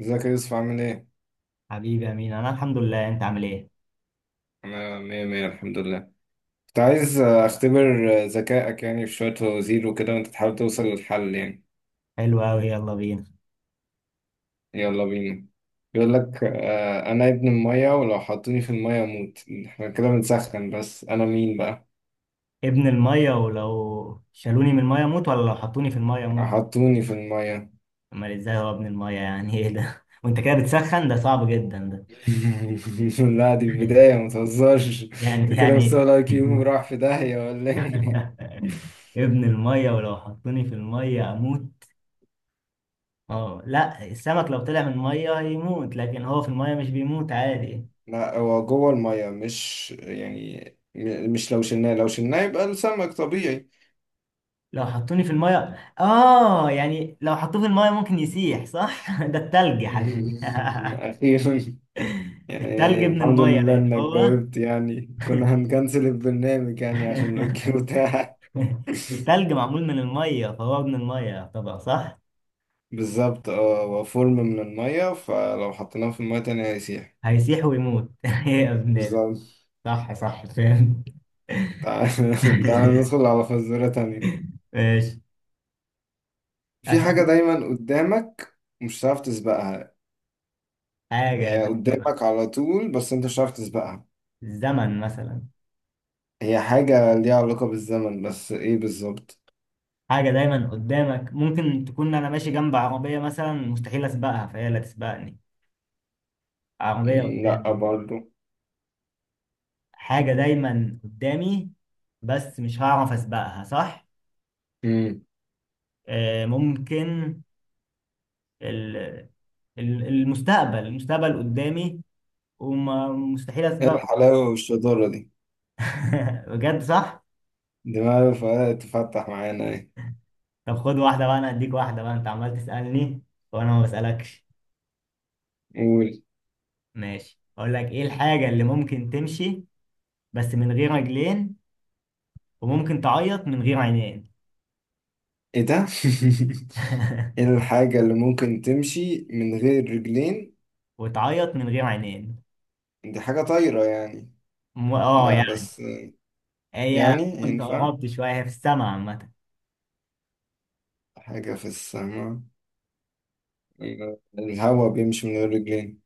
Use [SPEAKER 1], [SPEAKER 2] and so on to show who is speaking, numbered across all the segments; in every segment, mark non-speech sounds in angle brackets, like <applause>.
[SPEAKER 1] ازيك يا يوسف، عامل ايه؟
[SPEAKER 2] حبيبي امين، انا الحمد لله. انت عامل ايه؟
[SPEAKER 1] انا مية مية الحمد لله. كنت عايز اختبر ذكائك، يعني في شوية فوازير وكده وانت تحاول توصل للحل يعني.
[SPEAKER 2] حلو قوي، يلا بينا.
[SPEAKER 1] يلا بينا. بيقول لك انا ابن المية، ولو حطوني في المية اموت. احنا كده بنسخن، بس انا مين بقى؟
[SPEAKER 2] ابن الميه ولو شالوني من الميه اموت، ولا لو حطوني في الميه اموت؟
[SPEAKER 1] حطوني في المية.
[SPEAKER 2] امال ازاي؟ هو ابن الميه يعني ايه ده؟ <laughs> وانت كده بتسخن، ده صعب جدا ده.
[SPEAKER 1] <laughs> لا دي البداية،
[SPEAKER 2] <laughs>
[SPEAKER 1] متهزرش. انت
[SPEAKER 2] يعني
[SPEAKER 1] كده
[SPEAKER 2] يعني
[SPEAKER 1] مستوى الاي كيو راح في داهية ولا ايه؟
[SPEAKER 2] <laughs> ابن الميه ولو حطوني في الميه اموت. اه لا، السمك لو طلع من الميه هيموت، لكن هو في الميه مش بيموت عادي.
[SPEAKER 1] لا، هو جوه المية مش يعني. مش لو شلناه يبقى السمك طبيعي.
[SPEAKER 2] لو حطوني في الميه. اه يعني لو حطوه في الميه ممكن يسيح، صح؟ <laughs> ده التلج يا حبيبي.
[SPEAKER 1] <laughs>
[SPEAKER 2] <laughs>
[SPEAKER 1] أخيرا.
[SPEAKER 2] التلج
[SPEAKER 1] يعني
[SPEAKER 2] من
[SPEAKER 1] الحمد
[SPEAKER 2] المية
[SPEAKER 1] لله
[SPEAKER 2] لأن
[SPEAKER 1] إنك
[SPEAKER 2] هو
[SPEAKER 1] جاوبت، يعني كنا هنكنسل البرنامج يعني عشان الأوكي
[SPEAKER 2] <laughs>
[SPEAKER 1] بتاعك.
[SPEAKER 2] التلج معمول من المية، فهو ابن المية طبعا، صح.
[SPEAKER 1] <laughs> بالظبط، اه، هو فورم من المية، فلو حطيناه في المية تانية هيسيح.
[SPEAKER 2] هيسيح ويموت <laughs> يا ابن
[SPEAKER 1] بالظبط.
[SPEAKER 2] صح صح، فاهم.
[SPEAKER 1] تعال. <laughs> تعال
[SPEAKER 2] <laughs>
[SPEAKER 1] ندخل على فزورة تانية.
[SPEAKER 2] ماشي.
[SPEAKER 1] في حاجة
[SPEAKER 2] أسأل.
[SPEAKER 1] دايما قدامك مش هتعرف تسبقها. يعني
[SPEAKER 2] حاجة
[SPEAKER 1] هي
[SPEAKER 2] دايما.
[SPEAKER 1] قدامك على طول بس أنت مش هتعرف تسبقها.
[SPEAKER 2] الزمن مثلا.
[SPEAKER 1] هي حاجة ليها علاقة بالزمن، بس إيه بالظبط؟
[SPEAKER 2] حاجة دايما قدامك، ممكن تكون أنا ماشي جنب عربية مثلا، مستحيل أسبقها فهي لا تسبقني. عربية
[SPEAKER 1] لأ
[SPEAKER 2] قدامي.
[SPEAKER 1] برضه.
[SPEAKER 2] حاجة دايما قدامي. بس مش هعرف أسبقها، صح.
[SPEAKER 1] مم.
[SPEAKER 2] ممكن ال- المستقبل قدامي. ومستحيل
[SPEAKER 1] إيه
[SPEAKER 2] اسبقه.
[SPEAKER 1] الحلاوة والشطارة دي؟
[SPEAKER 2] <laughs> بجد، صح.
[SPEAKER 1] دماغه فقط تفتح معانا ايه.
[SPEAKER 2] طب خد واحده بقى، انا اديك واحده بقى، انت عمال تسالني وانا ما بسالكش.
[SPEAKER 1] قول.
[SPEAKER 2] ماشي، اقول لك ايه الحاجه اللي ممكن تمشي بس من غير رجلين، وممكن تعيط من غير عينين؟
[SPEAKER 1] ايه ده؟ <laughs> ايه
[SPEAKER 2] <laughs>
[SPEAKER 1] الحاجة اللي ممكن تمشي من غير رجلين؟
[SPEAKER 2] وتعيط من غير عينين.
[SPEAKER 1] دي حاجة طايرة يعني.
[SPEAKER 2] اه
[SPEAKER 1] لا
[SPEAKER 2] يعني.
[SPEAKER 1] بس.
[SPEAKER 2] هي
[SPEAKER 1] يعني
[SPEAKER 2] كنت
[SPEAKER 1] ينفع.
[SPEAKER 2] قربت شويه، هي في السما عامه.
[SPEAKER 1] حاجة في السماء. الهوا بيمشي من غير رجلين.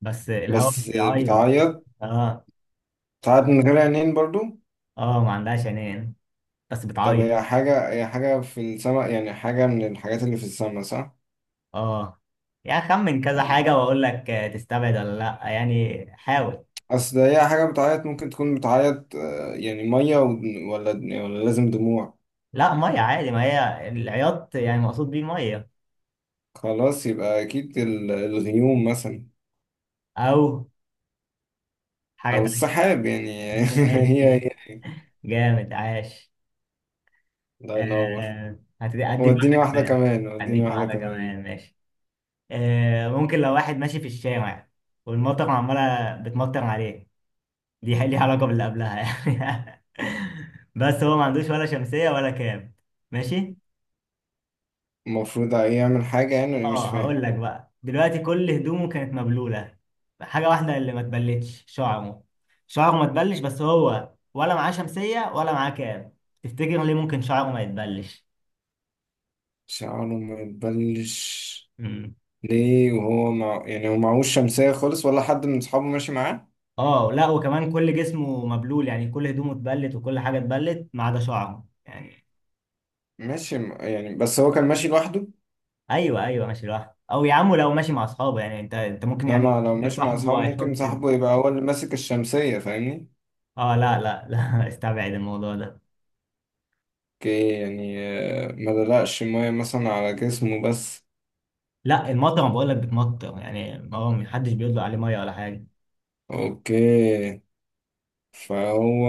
[SPEAKER 2] بس الهواء مش
[SPEAKER 1] بس
[SPEAKER 2] بيعيط.
[SPEAKER 1] بتعيط.
[SPEAKER 2] اه.
[SPEAKER 1] بتعيط من غير عينين برضو.
[SPEAKER 2] اه، ما عندهاش عينين بس
[SPEAKER 1] طب
[SPEAKER 2] بتعيط.
[SPEAKER 1] هي حاجة، في السماء، يعني حاجة من الحاجات اللي في السماء، صح؟
[SPEAKER 2] اه يعني خمن كذا
[SPEAKER 1] طب
[SPEAKER 2] حاجة واقول لك تستبعد ولا لا، يعني حاول.
[SPEAKER 1] أصل هي حاجة بتعيط، ممكن تكون بتعيط يعني مية، ولا، ولا لازم دموع.
[SPEAKER 2] لا مية عادي، ما هي العياط يعني مقصود بيه مية.
[SPEAKER 1] خلاص، يبقى أكيد الغيوم مثلا.
[SPEAKER 2] او حاجة
[SPEAKER 1] أو
[SPEAKER 2] تانية.
[SPEAKER 1] السحاب يعني. <laughs> هي
[SPEAKER 2] ماشي،
[SPEAKER 1] هي هي.
[SPEAKER 2] جامد عاش.
[SPEAKER 1] الله ينور.
[SPEAKER 2] هتدي اديك
[SPEAKER 1] وديني
[SPEAKER 2] واحدة
[SPEAKER 1] واحدة
[SPEAKER 2] كمان.
[SPEAKER 1] كمان وديني
[SPEAKER 2] اديك
[SPEAKER 1] واحدة
[SPEAKER 2] واحدة
[SPEAKER 1] كمان.
[SPEAKER 2] كمان، ماشي. ممكن لو واحد ماشي في الشارع والمطر عمالة بتمطر عليه، دي ليها علاقة باللي قبلها يعني. <laughs> بس هو ما عندوش ولا شمسية ولا كام. ماشي.
[SPEAKER 1] المفروض ايه يعمل حاجة يعني؟ أنا مش
[SPEAKER 2] اه
[SPEAKER 1] فاهم.
[SPEAKER 2] هقول لك بقى دلوقتي، كل هدومه كانت مبلوله، حاجه واحده اللي ما اتبلتش شعره. شعره ما اتبلش، بس هو ولا معاه شمسيه ولا معاه كاب. تفتكر ليه ممكن شعره ما يتبلش؟
[SPEAKER 1] شعره ما يتبلش.
[SPEAKER 2] مم.
[SPEAKER 1] ليه وهو مع... يعني هو معهوش شمسية خالص، ولا حد من أصحابه ماشي معاه.
[SPEAKER 2] اه لا، وكمان كل جسمه مبلول يعني، كل هدومه اتبلت وكل حاجه اتبلت ما عدا شعره يعني.
[SPEAKER 1] ماشي، يعني بس هو كان ماشي لوحده.
[SPEAKER 2] ايوه ايوه، ماشي لوحده. او يا عم لو ماشي مع اصحابه يعني، انت ممكن يعني
[SPEAKER 1] إنما لو
[SPEAKER 2] يجيب
[SPEAKER 1] ماشي مع
[SPEAKER 2] صاحبه
[SPEAKER 1] أصحابه ممكن
[SPEAKER 2] وهيحط.
[SPEAKER 1] صاحبه يبقى هو اللي ماسك الشمسية، فاهمني؟
[SPEAKER 2] اه لا لا لا، <laughs> استبعد الموضوع ده.
[SPEAKER 1] اوكي، يعني ما دلقش مية مثلا على جسمه بس.
[SPEAKER 2] لا المطر بقول لك بتمطر يعني، هو محدش بيطلق عليه ميه ولا حاجه.
[SPEAKER 1] اوكي. فهو،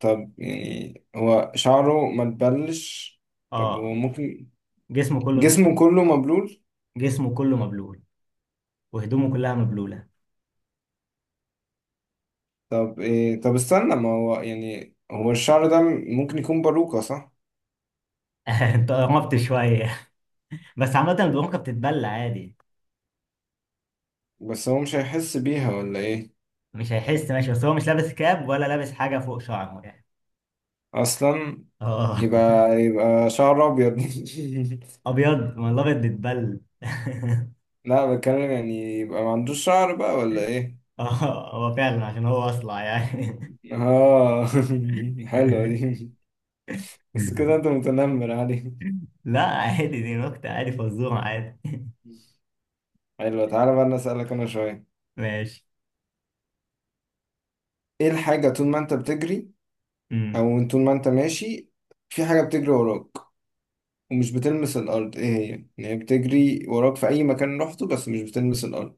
[SPEAKER 1] طب يعني هو شعره ما تبلش. طب
[SPEAKER 2] اه.
[SPEAKER 1] هو ممكن.
[SPEAKER 2] جسمه كله.
[SPEAKER 1] جسمه كله مبلول.
[SPEAKER 2] جسمه كله مبلول. وهدومه كلها مبلوله.
[SPEAKER 1] طب إيه؟ طب استنى، ما هو يعني هو الشعر ده ممكن يكون باروكة، صح؟
[SPEAKER 2] <laughs> انت قربت شويه، بس عامه البرونكه بتتبلى عادي.
[SPEAKER 1] بس هو مش هيحس بيها ولا ايه؟
[SPEAKER 2] مش هيحس ماشي، بس هو مش لابس كاب ولا لابس حاجه فوق شعره يعني.
[SPEAKER 1] اصلا
[SPEAKER 2] اه.
[SPEAKER 1] يبقى شعر ابيض.
[SPEAKER 2] ابيض، ما الابيض بيتبل. <laughs>
[SPEAKER 1] <laughs> لا، بتكلم يعني يبقى ما عندوش شعر بقى ولا ايه؟
[SPEAKER 2] اه هو فعلا عشان هو اصلع يعني.
[SPEAKER 1] اه. <laughs> حلوة دي.
[SPEAKER 2] <laughs>
[SPEAKER 1] بس كده انت متنمر عليه.
[SPEAKER 2] لا عادي، دي نكته عادي، فزوره عادي.
[SPEAKER 1] حلوة. تعالى بقى انا اسألك انا شوية.
[SPEAKER 2] ماشي.
[SPEAKER 1] ايه الحاجة طول ما انت بتجري،
[SPEAKER 2] امم.
[SPEAKER 1] او طول ما انت ماشي، في حاجة بتجري وراك ومش بتلمس الارض، ايه هي؟ يعني هي بتجري وراك في اي مكان رحته بس مش بتلمس الارض.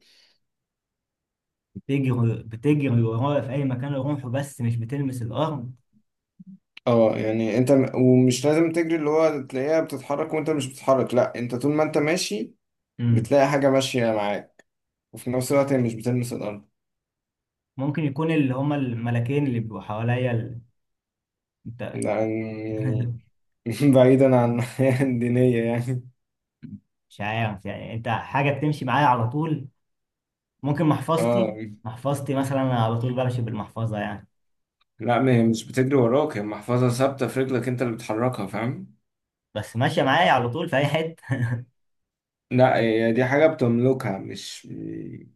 [SPEAKER 2] بتجري ورايا في اي مكان اروحه، بس مش بتلمس الارض.
[SPEAKER 1] اه يعني انت ومش لازم تجري، اللي هو تلاقيها بتتحرك وانت مش بتتحرك، لا، انت طول ما انت ماشي بتلاقي حاجة ماشية معاك، وفي نفس الوقت هي مش بتلمس الارض.
[SPEAKER 2] ممكن يكون اللي هما الملاكين اللي بيبقوا حواليا انت.
[SPEAKER 1] ده يعني؟
[SPEAKER 2] <laughs>
[SPEAKER 1] <laughs> بعيدا عن الحياة الدينية يعني.
[SPEAKER 2] مش عارف يعني، انت حاجة بتمشي معايا على طول؟ ممكن محفظتي.
[SPEAKER 1] اه
[SPEAKER 2] محفظتي مثلا، انا على طول بمشي بالمحفظة يعني.
[SPEAKER 1] لا، ما هي مش بتجري وراك، هي محفظة ثابتة في رجلك، انت اللي بتحركها، فاهم؟
[SPEAKER 2] بس ماشية معايا على طول في اي حتة.
[SPEAKER 1] لا، هي دي حاجة بتملكها مش.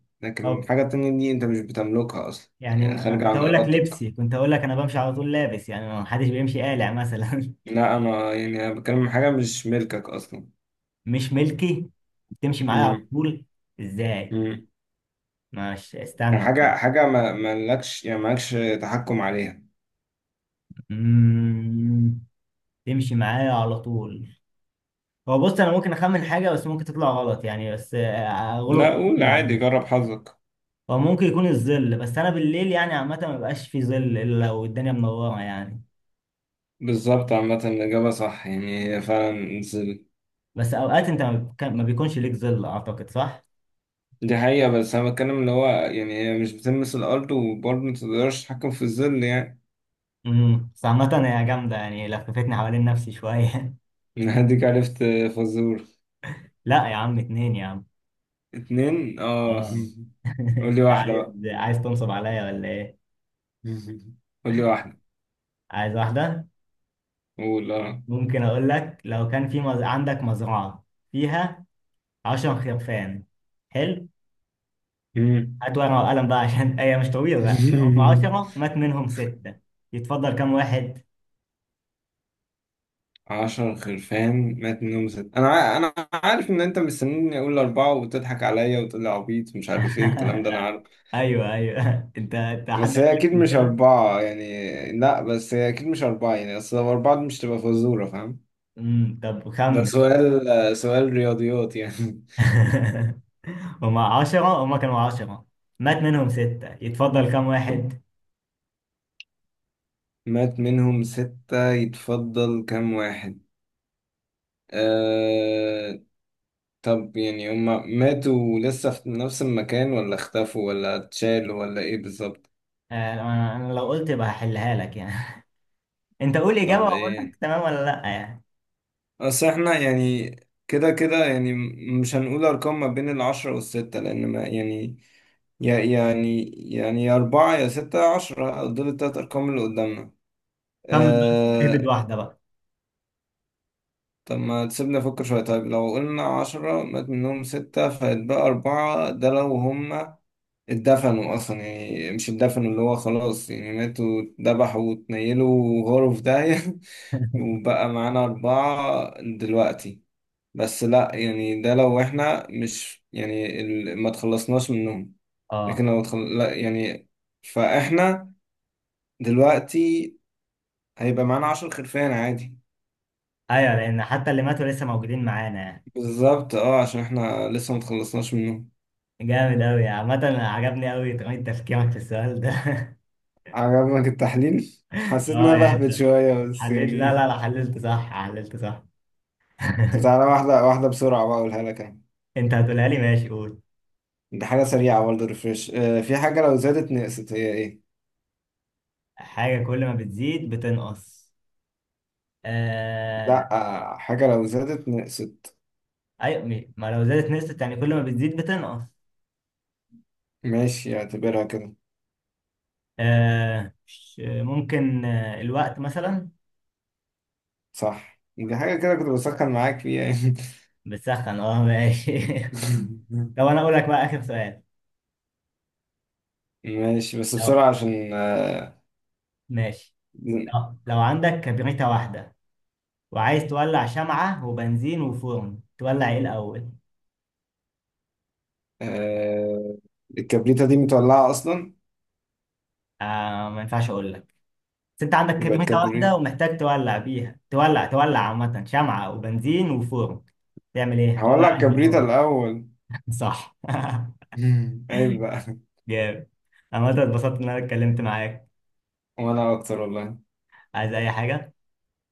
[SPEAKER 2] <laughs>
[SPEAKER 1] لكن
[SPEAKER 2] طب
[SPEAKER 1] حاجة تانية دي انت مش بتملكها اصلا،
[SPEAKER 2] يعني،
[SPEAKER 1] يعني
[SPEAKER 2] انا
[SPEAKER 1] خارجة
[SPEAKER 2] كنت
[SPEAKER 1] عن
[SPEAKER 2] هقول لك
[SPEAKER 1] ارادتك.
[SPEAKER 2] لبسي، كنت هقول لك انا بمشي على طول لابس يعني، ما حدش بيمشي قالع مثلا.
[SPEAKER 1] لا، انا يعني انا بتكلم عن حاجة مش ملكك اصلا.
[SPEAKER 2] <laughs> مش ملكي. بتمشي معايا على
[SPEAKER 1] امم.
[SPEAKER 2] طول ازاي؟
[SPEAKER 1] امم.
[SPEAKER 2] ماشي،
[SPEAKER 1] يعني
[SPEAKER 2] استنى طيب.
[SPEAKER 1] حاجة ما مالكش، يعني مالكش تحكم عليها.
[SPEAKER 2] مم. تمشي معايا على طول. هو بص، انا ممكن اخمن حاجه بس ممكن تطلع غلط يعني، بس اغلب
[SPEAKER 1] لا قول عادي،
[SPEAKER 2] بعدها.
[SPEAKER 1] جرب حظك.
[SPEAKER 2] هو ممكن يكون الظل، بس انا بالليل يعني عامه ما بيبقاش في ظل الا لو الدنيا منوره يعني.
[SPEAKER 1] بالظبط، عامة الإجابة صح، يعني هي فعلا الظل.
[SPEAKER 2] بس اوقات انت ما بيكونش ليك ظل، اعتقد صح.
[SPEAKER 1] دي حقيقة، بس أنا بتكلم اللي هو يعني هي مش بتلمس الأرض وبرضه متقدرش تتحكم في الظل يعني.
[SPEAKER 2] بس عامه هي جامده يعني، لففتني حوالين نفسي شويه.
[SPEAKER 1] <laughs> هديك عرفت. فزور.
[SPEAKER 2] <laughs> لا يا عم، اتنين يا عم.
[SPEAKER 1] 2 اه.
[SPEAKER 2] اه.
[SPEAKER 1] <laughs>
[SPEAKER 2] <laughs>
[SPEAKER 1] قول لي واحدة
[SPEAKER 2] عايز.
[SPEAKER 1] بقى.
[SPEAKER 2] عايز تنصب عليا ولا ايه؟
[SPEAKER 1] <laughs> قول لي واحدة.
[SPEAKER 2] عايز واحده.
[SPEAKER 1] قول. اه.
[SPEAKER 2] ممكن اقول لك، لو كان في عندك مزرعه فيها 10 خرفان. حلو.
[SPEAKER 1] مم.
[SPEAKER 2] هات ورقة وقلم بقى عشان هي مش طويلة لا. هم 10
[SPEAKER 1] <laughs>
[SPEAKER 2] مات منهم ستة، يتفضل كام واحد؟
[SPEAKER 1] 10 خرفان مات منهم ست، أنا أنا عارف إن أنت مستنيني أقول أربعة وتضحك عليا وتقول لي عبيط مش عارف إيه الكلام ده. أنا
[SPEAKER 2] <laughs>
[SPEAKER 1] عارف.
[SPEAKER 2] ايوه ايوه، انت حد
[SPEAKER 1] بس
[SPEAKER 2] قال
[SPEAKER 1] هي
[SPEAKER 2] لك
[SPEAKER 1] أكيد
[SPEAKER 2] قبل
[SPEAKER 1] مش
[SPEAKER 2] كده؟
[SPEAKER 1] أربعة يعني. لا بس هي أكيد مش أربعة يعني، أصل لو أربعة دي مش تبقى فزورة، فاهم؟
[SPEAKER 2] طب
[SPEAKER 1] ده
[SPEAKER 2] خمن.
[SPEAKER 1] سؤال رياضيات يعني.
[SPEAKER 2] <laughs> هم 10، هم كانوا 10 مات منهم ستة، يتفضل كام واحد؟
[SPEAKER 1] <laughs> مات منهم ستة يتفضل كام واحد؟ آه، طب يعني هما ماتوا لسه في نفس المكان، ولا اختفوا ولا اتشالوا، ولا ايه بالظبط؟
[SPEAKER 2] انا لو قلت يبقى هحلها لك يعني. <laughs> انت قول اجابة
[SPEAKER 1] طب
[SPEAKER 2] واقول لك
[SPEAKER 1] ايه؟
[SPEAKER 2] تمام ولا لا يعني.
[SPEAKER 1] اصل احنا يعني كده كده يعني مش هنقول ارقام ما بين العشرة والستة لان ما يعني، يا يعني يعني يا اربعة يا ستة يا عشرة، دول التلات ارقام اللي قدامنا.
[SPEAKER 2] خمن بقى، اهبد
[SPEAKER 1] آه،
[SPEAKER 2] واحدة بقى.
[SPEAKER 1] طب ما تسيبنا نفكر شوية. طيب لو قلنا عشرة مات منهم ستة فيتبقى أربعة، ده لو هما اتدفنوا أصلا، يعني مش اتدفنوا اللي هو خلاص يعني ماتوا اتذبحوا واتنيلوا غرف داهية. <laughs>
[SPEAKER 2] <laughs>
[SPEAKER 1] وبقى معانا أربعة دلوقتي. بس لأ، يعني ده لو إحنا مش يعني ما تخلصناش منهم. لكن
[SPEAKER 2] اه.
[SPEAKER 1] لو لأ يعني. فإحنا دلوقتي هيبقى معانا 10 خرفان عادي.
[SPEAKER 2] ايوه، لان حتى اللي ماتوا لسه موجودين معانا يعني.
[SPEAKER 1] بالظبط اه، عشان احنا لسه ما تخلصناش منهم.
[SPEAKER 2] جامد أوي، عامة عجبني أوي طريقة تفكيرك في السؤال ده.
[SPEAKER 1] عجبك التحليل،
[SPEAKER 2] <laughs>
[SPEAKER 1] حسيت ان
[SPEAKER 2] اه
[SPEAKER 1] انا
[SPEAKER 2] يعني
[SPEAKER 1] بهبت
[SPEAKER 2] انت
[SPEAKER 1] شويه بس
[SPEAKER 2] حللت. لا لا
[SPEAKER 1] يعني.
[SPEAKER 2] لا، حللت صح، حللت صح. <laughs>
[SPEAKER 1] طب تعالى واحده واحده بسرعه بقى اقولها لك انا.
[SPEAKER 2] انت هتقولها لي، ماشي، قول.
[SPEAKER 1] دي حاجه سريعه برضه، ريفرش. في حاجه لو زادت نقصت، هي ايه؟
[SPEAKER 2] حاجة كل ما بتزيد بتنقص. آه.
[SPEAKER 1] لا. حاجه لو زادت نقصت.
[SPEAKER 2] ايوه ما لو زادت نسبة يعني، كل ما بتزيد بتنقص.
[SPEAKER 1] ماشي اعتبرها كده.
[SPEAKER 2] ممكن الوقت مثلا.
[SPEAKER 1] صح، دي حاجه كده كنت بسخن معاك فيها يعني.
[SPEAKER 2] بتسخن، اه ماشي. <laughs> لو انا اقول لك بقى اخر سؤال.
[SPEAKER 1] <laughs> ماشي بس
[SPEAKER 2] لو
[SPEAKER 1] بسرعه عشان
[SPEAKER 2] ماشي. لو عندك كبريتة واحدة وعايز تولع شمعة وبنزين وفرن، تولع ايه الأول؟
[SPEAKER 1] آه، الكبريتة دي متولعة أصلا.
[SPEAKER 2] ما ينفعش اقول لك. بس انت عندك
[SPEAKER 1] يبقى
[SPEAKER 2] كمية واحدة
[SPEAKER 1] الكبريت.
[SPEAKER 2] ومحتاج تولع بيها، تولع عامة شمعة وبنزين وفرن، تعمل ايه؟
[SPEAKER 1] هولع
[SPEAKER 2] هتولع انهي
[SPEAKER 1] الكبريتة
[SPEAKER 2] الاول؟
[SPEAKER 1] الأول.
[SPEAKER 2] <laughs> صح. <laughs>
[SPEAKER 1] <laughs> عيب بقى.
[SPEAKER 2] جامد. عامة اتبسطت ان انا اتكلمت معاك.
[SPEAKER 1] وأنا أكتر والله.
[SPEAKER 2] عايز اي حاجة.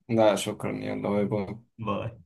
[SPEAKER 1] لا شكرا، يلا باي باي.
[SPEAKER 2] باي.